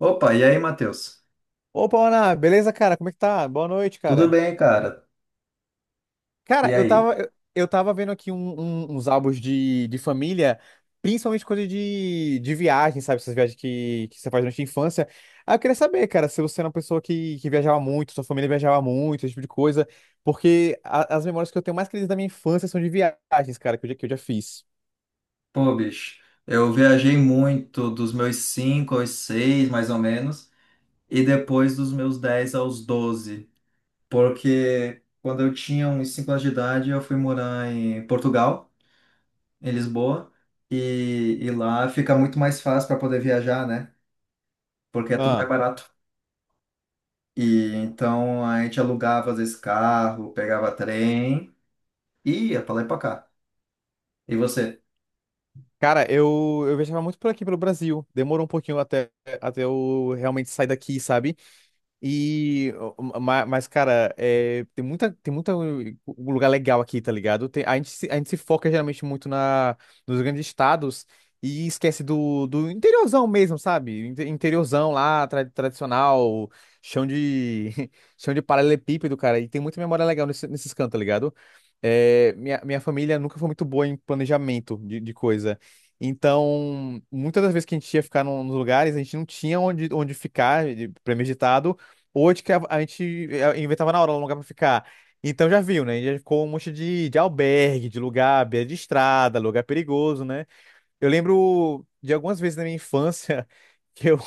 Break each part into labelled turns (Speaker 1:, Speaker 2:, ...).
Speaker 1: Opa, e aí, Matheus?
Speaker 2: Opa, Ana, beleza, cara? Como é que tá? Boa noite,
Speaker 1: Tudo
Speaker 2: cara.
Speaker 1: bem, cara? E
Speaker 2: Cara, eu
Speaker 1: aí?
Speaker 2: tava, eu, eu tava vendo aqui uns álbuns de família, principalmente coisa de viagem, sabe? Essas viagens que você faz durante a infância. Ah, eu queria saber, cara, se você era uma pessoa que viajava muito, sua família viajava muito, esse tipo de coisa, porque as memórias que eu tenho mais queridas da minha infância são de viagens, cara, que eu já fiz.
Speaker 1: Pô, bicho, eu viajei muito dos meus 5 aos 6, mais ou menos, e depois dos meus 10 aos 12, porque quando eu tinha uns 5 anos de idade, eu fui morar em Portugal, em Lisboa, e, e lá fica muito mais fácil para poder viajar, né? Porque é tudo mais
Speaker 2: Ah,
Speaker 1: barato. E então a gente alugava, às vezes, carro, pegava trem e ia pra lá e pra cá. E você?
Speaker 2: cara, eu viajava muito por aqui, pelo Brasil. Demorou um pouquinho até eu realmente sair daqui, sabe? E, mas, cara, é, tem muita lugar legal aqui, tá ligado? A gente se foca geralmente muito nos grandes estados e esquece do interiorzão mesmo, sabe? Interiorzão lá, tradicional, chão de, chão de paralelepípedo, cara. E tem muita memória legal nesses cantos, tá ligado? É, minha família nunca foi muito boa em planejamento de coisa. Então, muitas das vezes que a gente ia ficar nos lugares, a gente não tinha onde ficar premeditado. Oito que a gente inventava na hora um lugar pra ficar. Então já viu, né? Já ficou um monte de albergue, de lugar, à beira de estrada, lugar perigoso, né? Eu lembro de algumas vezes na minha infância que eu,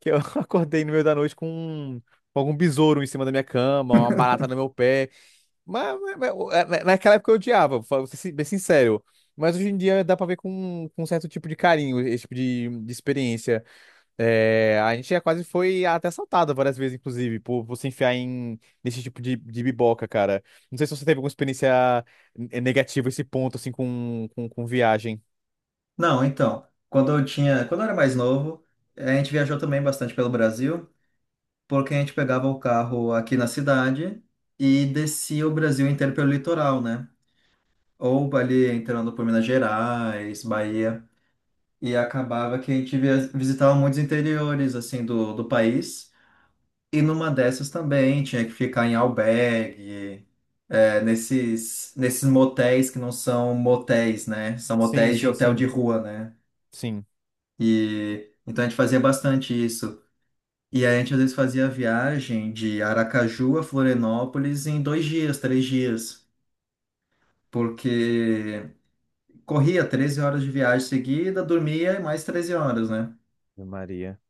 Speaker 2: que eu acordei no meio da noite com algum besouro em cima da minha cama, uma barata no meu pé. Mas, naquela época eu odiava, vou ser bem sincero. Mas hoje em dia dá pra ver com um certo tipo de carinho esse tipo de experiência. É, a gente já quase foi até assaltada várias vezes, inclusive, por você enfiar nesse tipo de biboca, cara. Não sei se você teve alguma experiência negativa a esse ponto, assim, com viagem.
Speaker 1: Não, então, quando eu era mais novo, a gente viajou também bastante pelo Brasil, porque a gente pegava o carro aqui na cidade e descia o Brasil inteiro pelo litoral, né? Ou ali entrando por Minas Gerais, Bahia, e acabava que a gente visitava muitos interiores assim do país. E numa dessas também tinha que ficar em albergue, é, nesses motéis que não são motéis, né? São
Speaker 2: Sim,
Speaker 1: motéis de
Speaker 2: sim,
Speaker 1: hotel de
Speaker 2: sim,
Speaker 1: rua, né?
Speaker 2: sim.
Speaker 1: E então a gente fazia bastante isso. E aí a gente às vezes fazia a viagem de Aracaju a Florianópolis em 2 dias, 3 dias, porque corria 13 horas de viagem seguida, dormia e mais 13 horas, né?
Speaker 2: Ave Maria.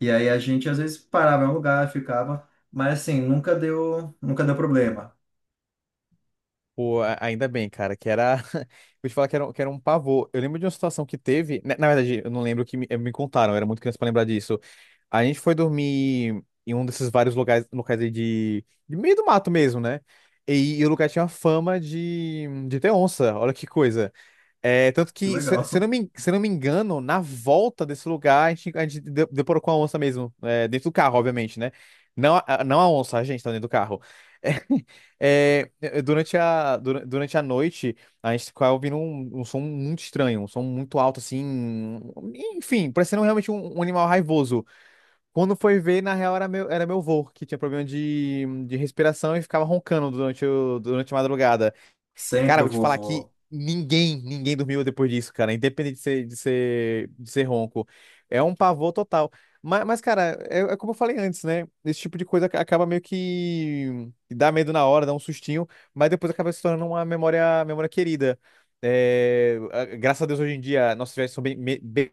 Speaker 1: E aí a gente às vezes parava em um lugar, ficava, mas assim, nunca deu problema.
Speaker 2: Pô, ainda bem, cara, que era. Vou te falar que era um pavor. Eu lembro de uma situação que teve. Na verdade, eu não lembro o que me contaram, eu era muito criança pra lembrar disso. A gente foi dormir em um desses vários locais, aí de meio do mato mesmo, né? E o lugar tinha fama de ter onça, olha que coisa. É, tanto
Speaker 1: Que
Speaker 2: que, se eu
Speaker 1: legal.
Speaker 2: não me, se eu não me engano, na volta desse lugar, a gente deparou com a onça mesmo, é, dentro do carro, obviamente, né? Não a onça, a gente tá dentro do carro. É, é, durante a noite, a gente ficava ouvindo um som muito estranho, um som muito alto, assim, enfim, parecendo realmente um animal raivoso. Quando foi ver, na real, era meu avô, que tinha problema de respiração e ficava roncando durante a madrugada.
Speaker 1: Sempre
Speaker 2: Cara,
Speaker 1: o
Speaker 2: vou te falar que
Speaker 1: vovô.
Speaker 2: ninguém dormiu depois disso, cara, independente de ser ronco. É um pavor total. Mas cara, é como eu falei antes, né? Esse tipo de coisa acaba meio que dá medo na hora, dá um sustinho, mas depois acaba se tornando uma memória, querida. É, graças a Deus, hoje em dia, nossas viagens são bem, bem.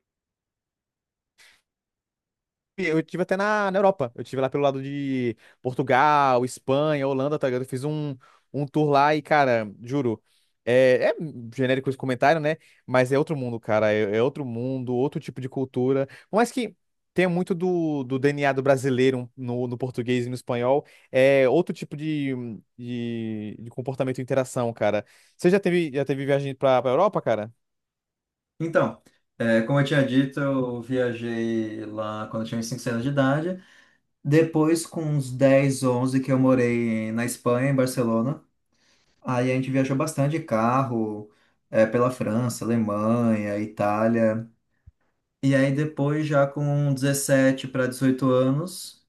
Speaker 2: Eu tive até na Europa. Eu tive lá pelo lado de Portugal, Espanha, Holanda, tá ligado? Eu fiz um tour lá e, cara, juro. É genérico esse comentário, né? Mas é outro mundo, cara. É outro mundo, outro tipo de cultura. Por mais que tenha muito do DNA do brasileiro no português e no espanhol, é outro tipo de comportamento e interação, cara. Você já teve viagem pra Europa, cara?
Speaker 1: Então, é, como eu tinha dito, eu viajei lá quando eu tinha uns 5 anos de idade. Depois, com uns 10, 11 que eu morei na Espanha, em Barcelona, aí a gente viajou bastante de carro, pela França, Alemanha, Itália. E aí depois, já com 17 para 18 anos,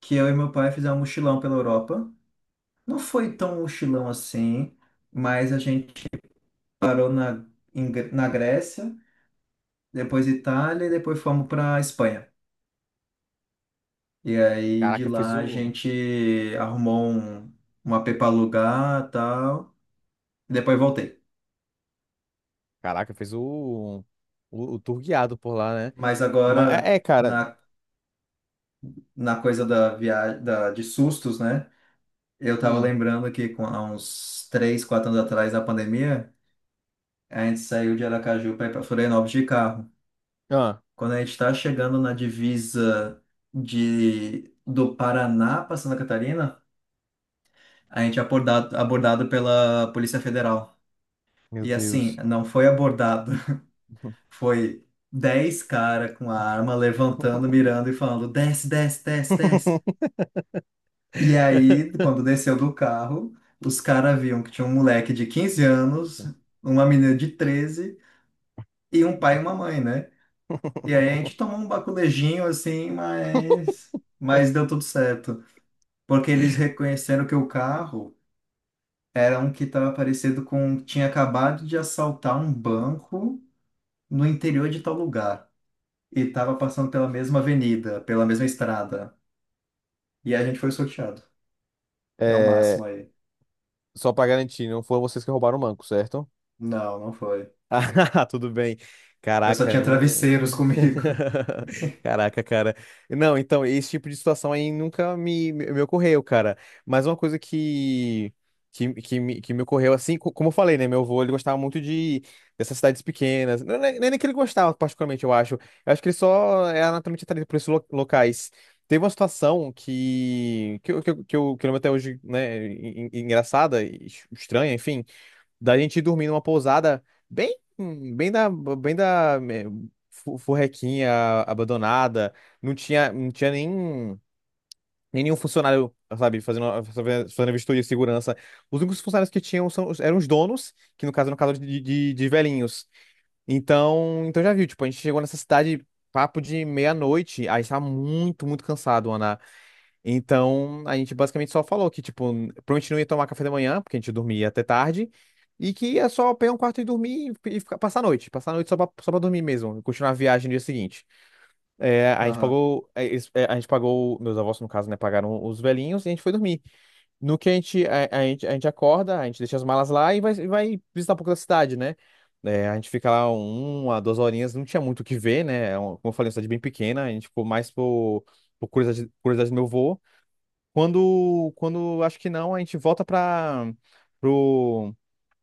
Speaker 1: que eu e meu pai fizemos um mochilão pela Europa. Não foi tão um mochilão assim, mas a gente parou na Grécia, depois Itália e depois fomos para Espanha. E aí de
Speaker 2: Caraca, fez
Speaker 1: lá a
Speaker 2: o.
Speaker 1: gente arrumou um AP para alugar e tal. E depois voltei.
Speaker 2: Caraca, fez o tour guiado por lá, né?
Speaker 1: Mas
Speaker 2: Mas
Speaker 1: agora,
Speaker 2: é, cara.
Speaker 1: na coisa da viagem, de sustos, né? Eu tava
Speaker 2: Hum.
Speaker 1: lembrando que há uns 3, 4 anos atrás, da pandemia, a gente saiu de Aracaju para ir para Florianópolis de carro.
Speaker 2: Ah,
Speaker 1: Quando a gente está chegando na divisa do Paraná para Santa Catarina, a gente é abordado pela Polícia Federal.
Speaker 2: meu
Speaker 1: E assim,
Speaker 2: Deus.
Speaker 1: não foi abordado, foi 10 cara com a arma levantando, mirando e falando: desce, desce, desce, desce. E aí, quando desceu do carro, os caras viam que tinha um moleque de 15 anos, uma menina de 13 e um pai e uma mãe, né? E aí a gente tomou um baculejinho assim, mas deu tudo certo. Porque eles reconheceram que o carro era um que estava parecido com. Tinha acabado de assaltar um banco no interior de tal lugar. E estava passando pela mesma avenida, pela mesma estrada. E a gente foi sorteado. É o
Speaker 2: É,
Speaker 1: máximo aí.
Speaker 2: só pra garantir, não foram vocês que roubaram o banco, certo?
Speaker 1: Não, não foi.
Speaker 2: Ah, tudo bem.
Speaker 1: Eu só
Speaker 2: Caraca,
Speaker 1: tinha
Speaker 2: não.
Speaker 1: travesseiros comigo.
Speaker 2: Caraca, cara. Não, então, esse tipo de situação aí nunca me ocorreu, cara. Mas uma coisa que me ocorreu, assim, como eu falei, né? Meu avô, ele gostava muito de dessas cidades pequenas. Não, não é nem que ele gostava, particularmente, eu acho. Eu acho que ele só é naturalmente atraído por esses locais. Teve uma situação que, eu- que, eu, que eu que eu lembro até hoje, né? Engraçada, e estranha, enfim da gente dormir numa pousada bem, bem da furrequinha abandonada. Não tinha nem nenhum funcionário, sabe, fazendo vistoria de segurança. Os únicos funcionários que tinham eram os donos, que no caso eram casal de velhinhos. Então, já viu, tipo, a gente chegou nessa cidade papo de meia-noite, aí estava muito, muito cansado, então, a gente basicamente só falou que, tipo, provavelmente não ia tomar café da manhã, porque a gente dormia até tarde, e que ia só pegar um quarto e dormir e ficar, passar a noite só pra dormir mesmo, e continuar a viagem no dia seguinte. É,
Speaker 1: Aham.
Speaker 2: meus avós, no caso, né, pagaram os velhinhos e a gente foi dormir. No que a gente acorda, a gente deixa as malas lá e vai, visitar um pouco da cidade, né? É, a gente fica lá uma, duas horinhas, não tinha muito o que ver, né? Como eu falei, uma cidade bem pequena, a gente ficou mais por curiosidade, curiosidade do meu vô. Quando acho que não, a gente volta para pro,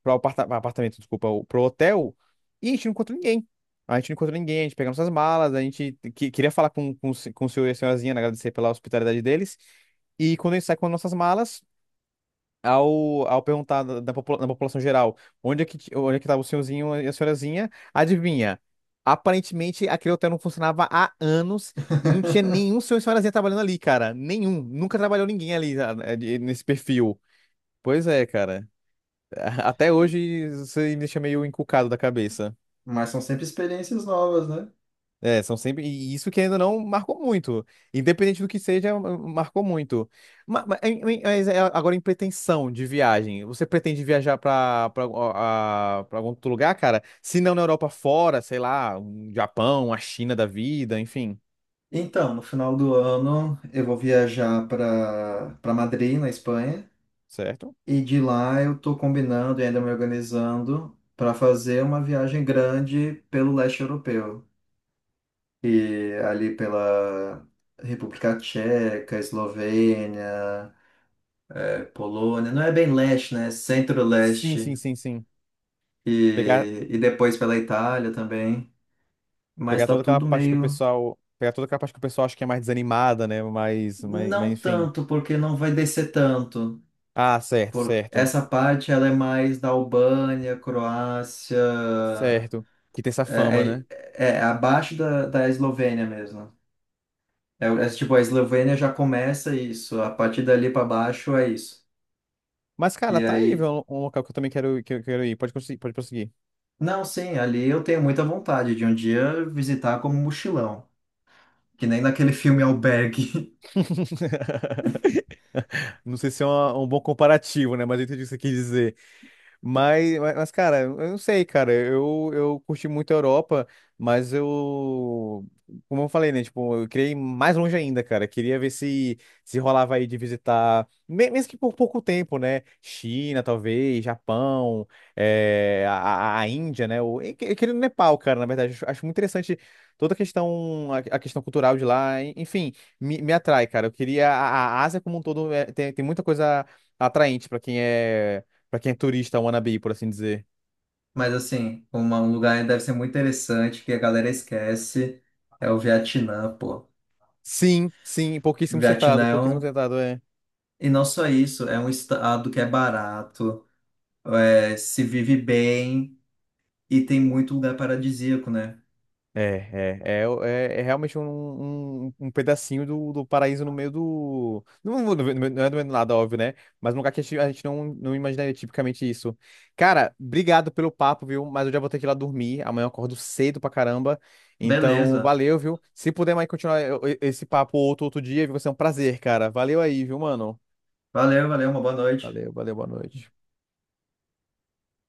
Speaker 2: pro aparta- apartamento, desculpa, o- pro hotel e a gente não encontra ninguém. A gente não encontra ninguém, a gente pega nossas malas, a gente queria falar com, o se- com o senhor e a senhorazinha, né, agradecer pela hospitalidade deles. E quando a gente sai com nossas malas, ao perguntar da população geral onde é que estava o senhorzinho e a senhorazinha, adivinha? Aparentemente, aquele hotel não funcionava há anos e não tinha nenhum senhor e senhorazinha trabalhando ali, cara. Nenhum. Nunca trabalhou ninguém ali nesse perfil. Pois é, cara. Até hoje você me deixa meio encucado da cabeça.
Speaker 1: Mas são sempre experiências novas, né?
Speaker 2: É, são sempre. E isso que ainda não marcou muito. Independente do que seja, marcou muito. Mas, é agora em pretensão de viagem, você pretende viajar para algum outro lugar, cara? Se não na Europa fora, sei lá, um Japão, a China da vida, enfim,
Speaker 1: Então, no final do ano eu vou viajar para Madrid, na Espanha,
Speaker 2: certo?
Speaker 1: e de lá eu tô combinando e ainda me organizando para fazer uma viagem grande pelo leste europeu. E ali pela República Tcheca, Eslovênia, Polônia, não é bem leste, né? É
Speaker 2: Sim, sim,
Speaker 1: Centro-leste.
Speaker 2: sim, sim. Pegar,
Speaker 1: E depois pela Itália também. Mas tá tudo meio.
Speaker 2: Pegar toda aquela parte que o pessoal acha que é mais desanimada, né? Mas,
Speaker 1: Não
Speaker 2: enfim.
Speaker 1: tanto, porque não vai descer tanto.
Speaker 2: Ah, certo,
Speaker 1: Porque
Speaker 2: certo.
Speaker 1: essa parte ela é mais da Albânia, Croácia,
Speaker 2: Certo. Que tem essa
Speaker 1: é,
Speaker 2: fama,
Speaker 1: é,
Speaker 2: né?
Speaker 1: é abaixo da Eslovênia mesmo. É, tipo, a Eslovênia já começa isso, a partir dali para baixo é isso.
Speaker 2: Mas, cara,
Speaker 1: E
Speaker 2: tá aí,
Speaker 1: aí,
Speaker 2: viu? Um local que eu quero ir. Pode, conseguir, pode prosseguir.
Speaker 1: não, sim, ali eu tenho muita vontade de um dia visitar como mochilão, que nem naquele filme Albergue.
Speaker 2: Não sei se é um bom comparativo, né? Mas eu entendi o que você quis dizer. Mas, cara, eu não sei, cara. Eu curti muito a Europa, mas eu, como eu falei, né? Tipo, eu queria ir mais longe ainda, cara. Queria ver se rolava aí de visitar, mesmo que por pouco tempo, né? China, talvez, Japão, eh, a, a Índia, né? Eu queria ir no Nepal, cara, na verdade. Acho muito interessante toda a questão cultural de lá. Enfim, me atrai, cara. Eu queria. A Ásia como um todo tem muita coisa atraente para quem é. Pra quem é turista, wannabe, por assim dizer.
Speaker 1: Mas assim, um lugar deve ser muito interessante que a galera esquece é o Vietnã, pô.
Speaker 2: Sim, sim,
Speaker 1: Vietnã é
Speaker 2: pouquíssimo
Speaker 1: um.
Speaker 2: citado, é.
Speaker 1: E não só isso, é um estado que é barato, é, se vive bem e tem muito lugar paradisíaco, né?
Speaker 2: É, é, é, é realmente um pedacinho do paraíso no meio do. Não, não, não é do meio do nada, óbvio, né? Mas um lugar que a gente não, não imaginaria tipicamente isso. Cara, obrigado pelo papo, viu? Mas eu já vou ter que ir lá dormir. Amanhã eu acordo cedo pra caramba. Então,
Speaker 1: Beleza.
Speaker 2: valeu, viu? Se puder mais continuar esse papo outro dia, viu? Vai ser um prazer, cara. Valeu aí, viu, mano?
Speaker 1: Valeu, valeu, uma boa noite.
Speaker 2: Valeu, valeu, boa noite.